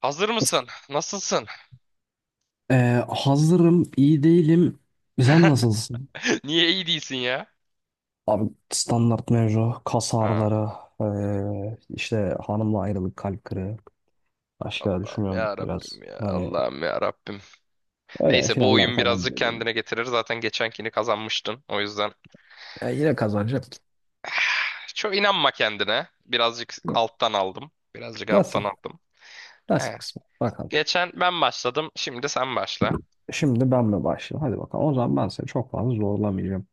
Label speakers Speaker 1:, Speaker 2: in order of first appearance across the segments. Speaker 1: Hazır mısın? Nasılsın?
Speaker 2: Hazırım, iyi değilim. Sen nasılsın?
Speaker 1: Niye iyi değilsin ya?
Speaker 2: Abi standart mevzu, kas
Speaker 1: Ha,
Speaker 2: ağrıları, işte hanımla ayrılık, kalp kırığı. Başka
Speaker 1: Allah'ım
Speaker 2: düşünüyorum
Speaker 1: ya
Speaker 2: biraz.
Speaker 1: Rabbim ya.
Speaker 2: Hani
Speaker 1: Allah'ım ya Rabbim.
Speaker 2: öyle
Speaker 1: Neyse bu
Speaker 2: finaller
Speaker 1: oyun
Speaker 2: falan
Speaker 1: birazcık
Speaker 2: geliyor.
Speaker 1: kendine getirir. Zaten geçenkini kazanmıştın. O yüzden
Speaker 2: Ya yine kazanacak.
Speaker 1: çok inanma kendine. Birazcık alttan aldım. Birazcık alttan
Speaker 2: Nasip,
Speaker 1: aldım.
Speaker 2: nasip
Speaker 1: He.
Speaker 2: kısmı. Bakalım.
Speaker 1: Geçen ben başladım. Şimdi sen başla.
Speaker 2: Şimdi ben mi başlayayım? Hadi bakalım. O zaman ben seni çok fazla zorlamayacağım.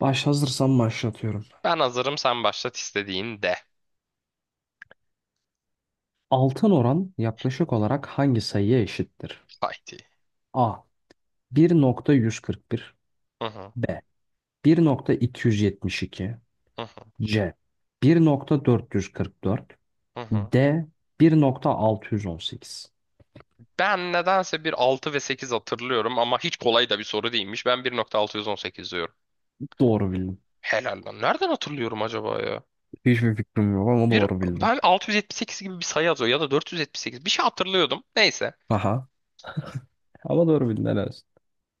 Speaker 2: Baş hazırsam başlatıyorum.
Speaker 1: Ben hazırım, sen başlat istediğinde.
Speaker 2: Altın oran yaklaşık olarak hangi sayıya eşittir?
Speaker 1: Haydi.
Speaker 2: A. 1,141
Speaker 1: Hı hı.
Speaker 2: B. 1,272
Speaker 1: Hı hı.
Speaker 2: C 1,444
Speaker 1: Hı hı.
Speaker 2: D 1,618.
Speaker 1: Ben nedense bir 6 ve 8 hatırlıyorum ama hiç kolay da bir soru değilmiş. Ben bir nokta altı yüz on sekiz diyorum.
Speaker 2: Doğru bildim.
Speaker 1: Helal lan. Nereden hatırlıyorum acaba ya?
Speaker 2: Hiçbir fikrim yok ama
Speaker 1: Bir
Speaker 2: doğru bildim.
Speaker 1: ben 678 gibi bir sayı yazıyor ya da 478 bir şey hatırlıyordum. Neyse.
Speaker 2: Aha. Ama doğru bildin, helal olsun.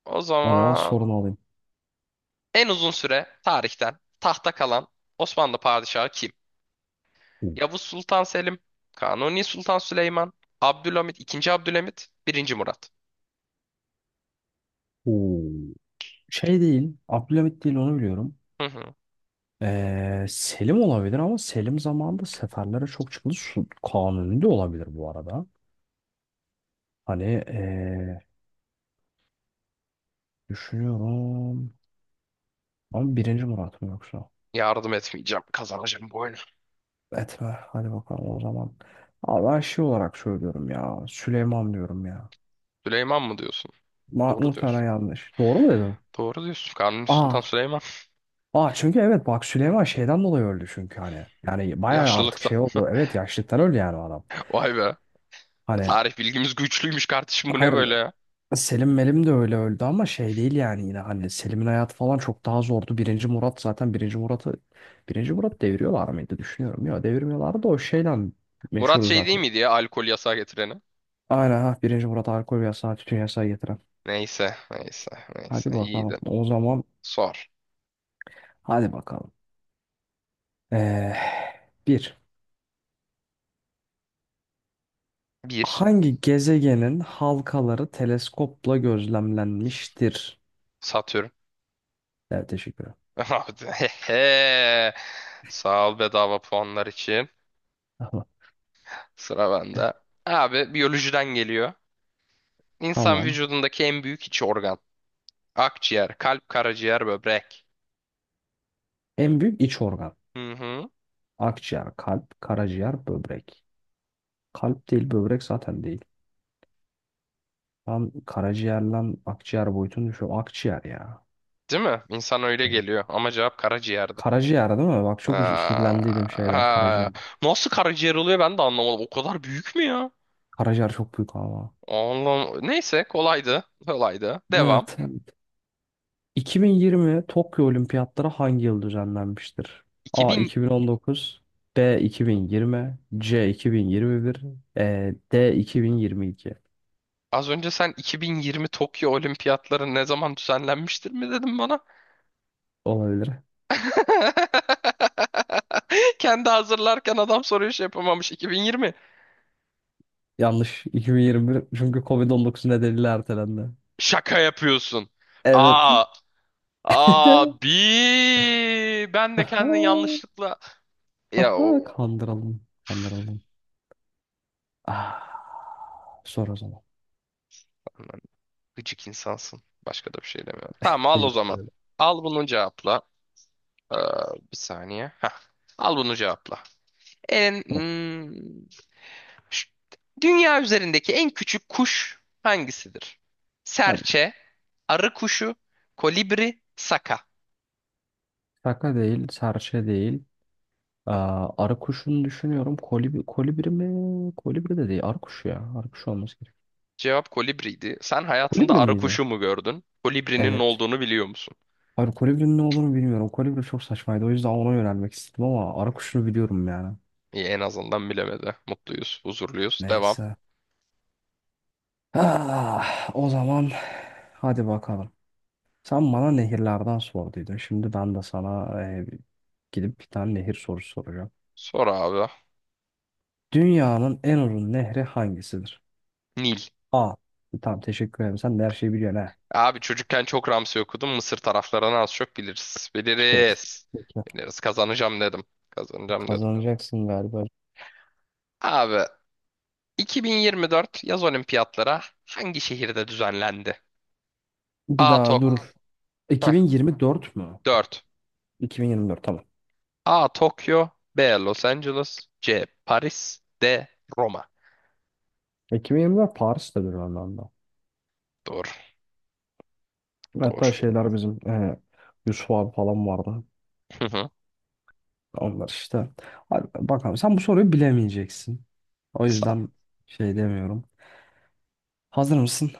Speaker 1: O
Speaker 2: O zaman
Speaker 1: zaman
Speaker 2: sorunu alayım.
Speaker 1: en uzun süre tarihten tahta kalan Osmanlı padişahı kim? Yavuz Sultan Selim, Kanuni Sultan Süleyman, Abdülhamit, II. Abdülhamit, Birinci Murat.
Speaker 2: Oo. Şey değil, Abdülhamit değil, onu biliyorum.
Speaker 1: Hı hı.
Speaker 2: Selim olabilir ama Selim zamanında seferlere çok çıkıldı. Su, Kanuni de olabilir bu arada. Hani düşünüyorum. Ama birinci Murat mı yoksa?
Speaker 1: Yardım etmeyeceğim. Kazanacağım bu oyunu.
Speaker 2: Etme. Hadi bakalım o zaman. Abi ben şey olarak söylüyorum ya. Süleyman diyorum ya.
Speaker 1: Süleyman mı diyorsun?
Speaker 2: Ma
Speaker 1: Doğru
Speaker 2: muhtemelen
Speaker 1: diyorsun.
Speaker 2: yanlış. Doğru mu dedim?
Speaker 1: Doğru diyorsun. Kanuni Sultan
Speaker 2: Aa.
Speaker 1: Süleyman.
Speaker 2: Aa çünkü, evet, bak, Süleyman şeyden dolayı öldü çünkü hani. Yani bayağı artık
Speaker 1: Yaşlılıkta.
Speaker 2: şey oldu. Evet, yaşlıktan öldü yani o adam.
Speaker 1: Vay be.
Speaker 2: Hani
Speaker 1: Tarih bilgimiz güçlüymüş kardeşim. Bu ne
Speaker 2: hayır,
Speaker 1: böyle ya?
Speaker 2: Selim Melim de öyle öldü ama şey değil yani, yine hani Selim'in hayatı falan çok daha zordu. Birinci Murat zaten, birinci Murat'ı birinci Murat deviriyorlar mıydı düşünüyorum. Ya devirmiyorlardı da o şeyden
Speaker 1: Murat
Speaker 2: meşhur
Speaker 1: şey değil
Speaker 2: zaten.
Speaker 1: miydi ya, alkol yasağı getireni?
Speaker 2: Aynen, ha, birinci Murat alkol yasağı, tütün yasağı getiren.
Speaker 1: Neyse, neyse,
Speaker 2: Hadi
Speaker 1: neyse.
Speaker 2: bakalım.
Speaker 1: İyiydi.
Speaker 2: O zaman
Speaker 1: Sor.
Speaker 2: hadi bakalım. Ee, Bir.
Speaker 1: Bir.
Speaker 2: Hangi gezegenin halkaları teleskopla gözlemlenmiştir?
Speaker 1: Satürn.
Speaker 2: Evet, teşekkür ederim.
Speaker 1: Abi, hehe. Sağ ol bedava puanlar için.
Speaker 2: Tamam.
Speaker 1: Sıra bende. Abi biyolojiden geliyor. İnsan
Speaker 2: Tamam.
Speaker 1: vücudundaki en büyük iç organ. Akciğer, kalp, karaciğer, böbrek.
Speaker 2: En büyük iç organ.
Speaker 1: Hı hı.
Speaker 2: Akciğer, kalp, karaciğer, böbrek. Kalp değil, böbrek zaten değil. Ben karaciğerle akciğer boyutunu düşünüyorum. Akciğer ya.
Speaker 1: Değil mi? İnsan öyle
Speaker 2: Evet.
Speaker 1: geliyor. Ama cevap karaciğerdi.
Speaker 2: Karaciğer değil mi? Bak, çok
Speaker 1: Aa,
Speaker 2: işkillendiydim şeyden, karaciğer.
Speaker 1: ha. Nasıl karaciğer oluyor ben de anlamadım. O kadar büyük mü ya?
Speaker 2: Karaciğer çok büyük ama.
Speaker 1: Oğlum neyse kolaydı. Kolaydı. Devam.
Speaker 2: Evet. 2020 Tokyo Olimpiyatları hangi yıl düzenlenmiştir? A
Speaker 1: 2000.
Speaker 2: 2019, B 2020, C 2021, D 2022
Speaker 1: Az önce sen 2020 Tokyo Olimpiyatları ne zaman düzenlenmiştir mi dedin bana?
Speaker 2: olabilir.
Speaker 1: Kendi hazırlarken adam soruyu şey yapamamış. 2020.
Speaker 2: Yanlış. 2021 çünkü Covid-19 nedeniyle ertelendi.
Speaker 1: Şaka yapıyorsun.
Speaker 2: Evet.
Speaker 1: Aa, abi ben de
Speaker 2: Aha,
Speaker 1: kendini yanlışlıkla, ya o,
Speaker 2: aha, kandıralım. Kandıralım. Ah, sor o zaman.
Speaker 1: aman, gıcık insansın. Başka da bir şey demiyorum. Tamam, al o
Speaker 2: Teşekkür
Speaker 1: zaman.
Speaker 2: ederim.
Speaker 1: Al bunu cevapla. Ee, bir saniye. Heh. Al bunu cevapla. En,
Speaker 2: Hı,
Speaker 1: hmm, ş- dünya üzerindeki en küçük kuş hangisidir?
Speaker 2: hadi.
Speaker 1: Serçe, arı kuşu, kolibri, saka.
Speaker 2: Şaka değil, serçe değil. Aa, arı kuşunu düşünüyorum. Kolibri, kolibri mi? Kolibri de değil. Arı kuşu ya. Arı kuşu olması gerek.
Speaker 1: Cevap kolibriydi. Sen hayatında
Speaker 2: Kolibri
Speaker 1: arı
Speaker 2: miydi?
Speaker 1: kuşu mu gördün? Kolibrinin ne
Speaker 2: Evet.
Speaker 1: olduğunu biliyor musun?
Speaker 2: Hayır, kolibrinin ne olduğunu bilmiyorum. Kolibri çok saçmaydı, o yüzden ona yönelmek istedim ama arı kuşunu biliyorum yani.
Speaker 1: İyi, en azından bilemedi. Mutluyuz, huzurluyuz. Devam.
Speaker 2: Neyse. Ah, o zaman hadi bakalım. Sen bana nehirlerden sorduydun. Şimdi ben de sana gidip bir tane nehir sorusu soracağım.
Speaker 1: Sor abi.
Speaker 2: Dünyanın en uzun nehri hangisidir?
Speaker 1: Nil.
Speaker 2: A. Tamam, teşekkür ederim. Sen de her şeyi biliyorsun ha.
Speaker 1: Abi çocukken çok Ramsey okudum. Mısır taraflarını az çok biliriz.
Speaker 2: Peki.
Speaker 1: Biliriz.
Speaker 2: Peki.
Speaker 1: Biliriz. Kazanacağım dedim. Kazanacağım dedim.
Speaker 2: Kazanacaksın galiba.
Speaker 1: Abi 2024 yaz olimpiyatlara hangi şehirde düzenlendi?
Speaker 2: Bir
Speaker 1: A.
Speaker 2: daha. Aa,
Speaker 1: Tok.
Speaker 2: dur.
Speaker 1: Heh,
Speaker 2: 2024 mü?
Speaker 1: 4.
Speaker 2: 2024 tamam.
Speaker 1: A. Tokyo, B. Los Angeles, C. Paris, D. Roma.
Speaker 2: 2024 Paris'tedir anlamda.
Speaker 1: Doğru. Doğru.
Speaker 2: Hatta şeyler bizim Yusuf abi falan vardı.
Speaker 1: Hı hı.
Speaker 2: Onlar işte. Hadi bakalım, sen bu soruyu bilemeyeceksin. O
Speaker 1: Sa-
Speaker 2: yüzden şey demiyorum. Hazır mısın?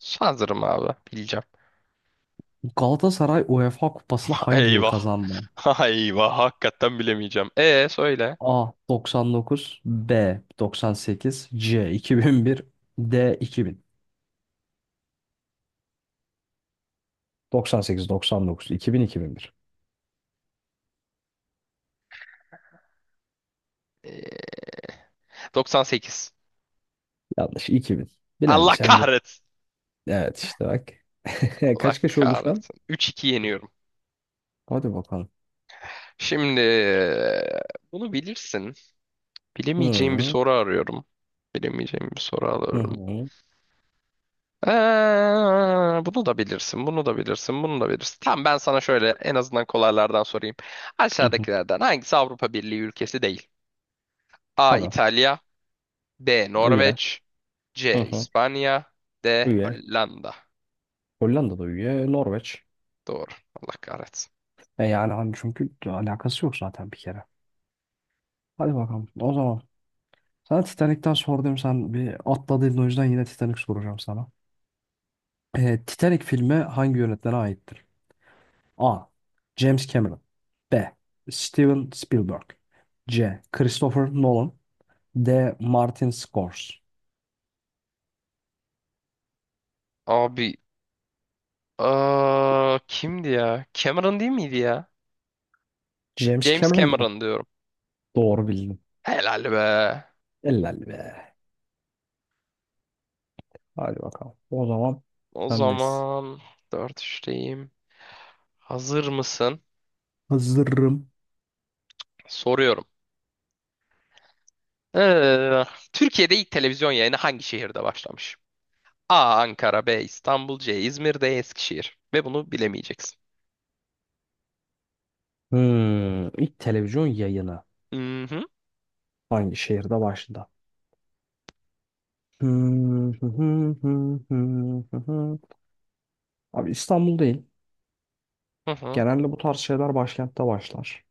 Speaker 1: Sanırım abi. Bileceğim.
Speaker 2: Galatasaray UEFA Kupası'nı hangi yıl
Speaker 1: Eyvah.
Speaker 2: kazandı?
Speaker 1: Eyvah. Hakikaten bilemeyeceğim. E, söyle.
Speaker 2: A 99, B 98, C 2001, D 2000. 98, 99, 2000, 2001.
Speaker 1: Ee, 98.
Speaker 2: Yanlış. 2000. Bilemeyeceğim
Speaker 1: Allah
Speaker 2: sen de.
Speaker 1: kahretsin.
Speaker 2: Evet, işte bak.
Speaker 1: Allah
Speaker 2: Kaç kaç oldu şu an?
Speaker 1: kahretsin. 3-2 yeniyorum.
Speaker 2: Hadi bakalım.
Speaker 1: Şimdi bunu bilirsin. Bilemeyeceğim bir
Speaker 2: Hı
Speaker 1: soru arıyorum. Bilemeyeceğim bir soru
Speaker 2: hı
Speaker 1: arıyorum.
Speaker 2: hı
Speaker 1: Bunu da bilirsin, bunu da bilirsin, bunu da bilirsin. Tamam, ben sana şöyle en azından kolaylardan sorayım.
Speaker 2: hı. Hı.
Speaker 1: Aşağıdakilerden hangisi Avrupa Birliği ülkesi değil? A.
Speaker 2: Tabii.
Speaker 1: İtalya, B.
Speaker 2: Üye.
Speaker 1: Norveç,
Speaker 2: Hı
Speaker 1: C.
Speaker 2: hı.
Speaker 1: İspanya, D.
Speaker 2: Üye.
Speaker 1: Hollanda.
Speaker 2: Hollanda'da üye. Norveç.
Speaker 1: Doğru. Allah kahretsin.
Speaker 2: E yani hani çünkü alakası yok zaten bir kere. Hadi bakalım. O zaman sana Titanic'ten sordum, sen bir atladın, o yüzden yine Titanic soracağım sana. Titanic filmi hangi yönetmene aittir? A. James Cameron B. Steven Spielberg C. Christopher Nolan D. Martin Scores.
Speaker 1: Abi kimdi ya? Cameron değil miydi ya?
Speaker 2: James
Speaker 1: James
Speaker 2: Cameron mı?
Speaker 1: Cameron diyorum.
Speaker 2: Doğru bildim.
Speaker 1: Helal be.
Speaker 2: Helal be. Hadi bakalım. O zaman
Speaker 1: O
Speaker 2: sendeyiz.
Speaker 1: zaman dört üçteyim. Hazır mısın?
Speaker 2: Hazırım.
Speaker 1: Soruyorum. Ee, Türkiye'de ilk televizyon yayını hangi şehirde başlamış? A. Ankara, B. İstanbul, C. İzmir, D. Eskişehir. Ve bunu bilemeyeceksin.
Speaker 2: Hmm, ilk televizyon yayını.
Speaker 1: Hı hı.
Speaker 2: Hangi şehirde başladı? Hmm, hı hı hı hı hı hı. Abi İstanbul değil.
Speaker 1: Hı hı.
Speaker 2: Genelde bu tarz şeyler başkentte başlar.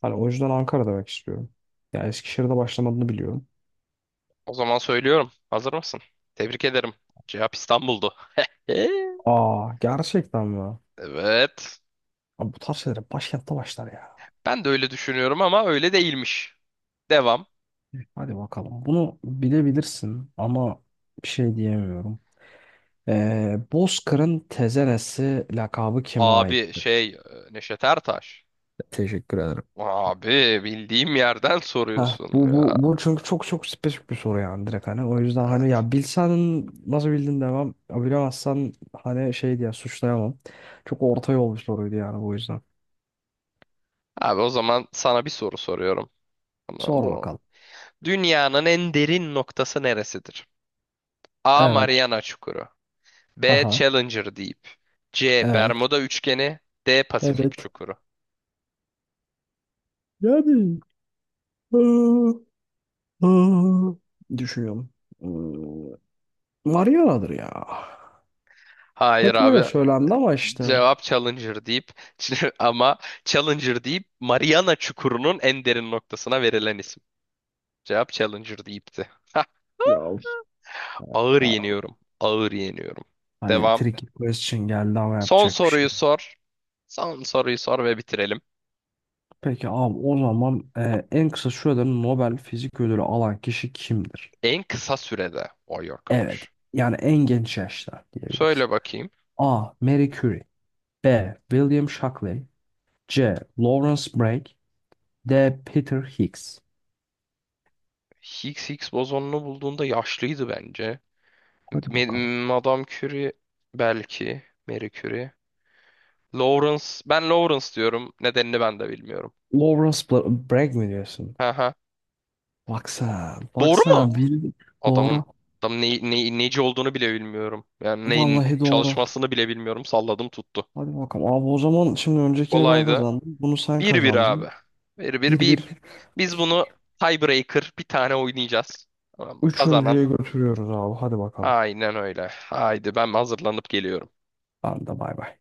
Speaker 2: Hani o yüzden Ankara demek istiyorum. Ya Eskişehir'de başlamadığını biliyorum.
Speaker 1: O zaman söylüyorum. Hazır mısın? Tebrik ederim. Cevap İstanbul'du. Ee,
Speaker 2: Aa, gerçekten mi?
Speaker 1: Evet.
Speaker 2: Abi, bu tarz şeyler başkentte başlar ya.
Speaker 1: Ben de öyle düşünüyorum ama öyle değilmiş. Devam.
Speaker 2: Hadi bakalım. Bunu bilebilirsin ama bir şey diyemiyorum. Bozkır'ın tezenesi lakabı kime
Speaker 1: Abi
Speaker 2: aittir?
Speaker 1: şey Neşet Ertaş.
Speaker 2: Teşekkür ederim.
Speaker 1: Abi bildiğim yerden
Speaker 2: Heh,
Speaker 1: soruyorsun
Speaker 2: bu,
Speaker 1: ya.
Speaker 2: bu, bu çünkü çok çok spesifik bir soru yani, direkt hani. O yüzden hani,
Speaker 1: Evet.
Speaker 2: ya bilsen nasıl bildin demem, ya bilemezsen hani şey diye suçlayamam. Çok orta yol bir soruydu yani, bu yüzden.
Speaker 1: Abi o zaman sana bir soru soruyorum. Ama
Speaker 2: Sor
Speaker 1: Bu,
Speaker 2: bakalım.
Speaker 1: Dünyanın en derin noktası neresidir? A.
Speaker 2: Evet.
Speaker 1: Mariana Çukuru, B.
Speaker 2: Haha.
Speaker 1: Challenger Deep, C.
Speaker 2: Evet.
Speaker 1: Bermuda Üçgeni, D.
Speaker 2: Evet.
Speaker 1: Pasifik Çukuru.
Speaker 2: Yani. Aa, aa. Düşünüyorum. Mariana'dır ya.
Speaker 1: Hayır
Speaker 2: Hep öyle
Speaker 1: abi,
Speaker 2: söylendi ama işte.
Speaker 1: cevap Challenger Deep. Ama Challenger Deep, Mariana Çukuru'nun en derin noktasına verilen isim. Cevap Challenger Deep'ti. Hah,
Speaker 2: Ya,
Speaker 1: ağır
Speaker 2: ya.
Speaker 1: yeniyorum. Ağır yeniyorum.
Speaker 2: Hani
Speaker 1: Devam.
Speaker 2: tricky question geldi ama
Speaker 1: Son
Speaker 2: yapacak bir şey
Speaker 1: soruyu
Speaker 2: yok.
Speaker 1: sor. Son soruyu sor ve bitirelim.
Speaker 2: Peki abi, o zaman en kısa sürede Nobel Fizik Ödülü alan kişi kimdir?
Speaker 1: En kısa sürede. Vay
Speaker 2: Evet.
Speaker 1: arkadaş.
Speaker 2: Yani en genç yaşta diyebiliriz.
Speaker 1: Söyle bakayım.
Speaker 2: A. Marie Curie B. William Shockley C. Lawrence Bragg D. Peter Higgs.
Speaker 1: Higgs, Higgs bozonunu bulduğunda yaşlıydı bence.
Speaker 2: Hadi bakalım.
Speaker 1: Me- Madame Curie belki. Marie Curie. Lawrence. Ben Lawrence diyorum. Nedenini ben de bilmiyorum.
Speaker 2: Lawrence Bragg mi diyorsun?
Speaker 1: Hı hı.
Speaker 2: Baksana.
Speaker 1: Doğru mu?
Speaker 2: Baksana. Bildim.
Speaker 1: Adamın
Speaker 2: Doğru.
Speaker 1: adamın neci olduğunu bile bilmiyorum. Yani neyin
Speaker 2: Vallahi doğru.
Speaker 1: çalışmasını bile bilmiyorum. Salladım tuttu.
Speaker 2: Hadi bakalım. Abi o zaman, şimdi öncekini ben
Speaker 1: Kolaydı.
Speaker 2: kazandım, bunu sen
Speaker 1: Bir bir abi.
Speaker 2: kazandın.
Speaker 1: Bir bir
Speaker 2: Bir bir,
Speaker 1: biz bunu tiebreaker bir tane oynayacağız. Tamam mı? Kazanan.
Speaker 2: üçüncüye götürüyoruz abi. Hadi bakalım.
Speaker 1: Aynen öyle. Haydi ben hazırlanıp geliyorum.
Speaker 2: Ben de, bay bay.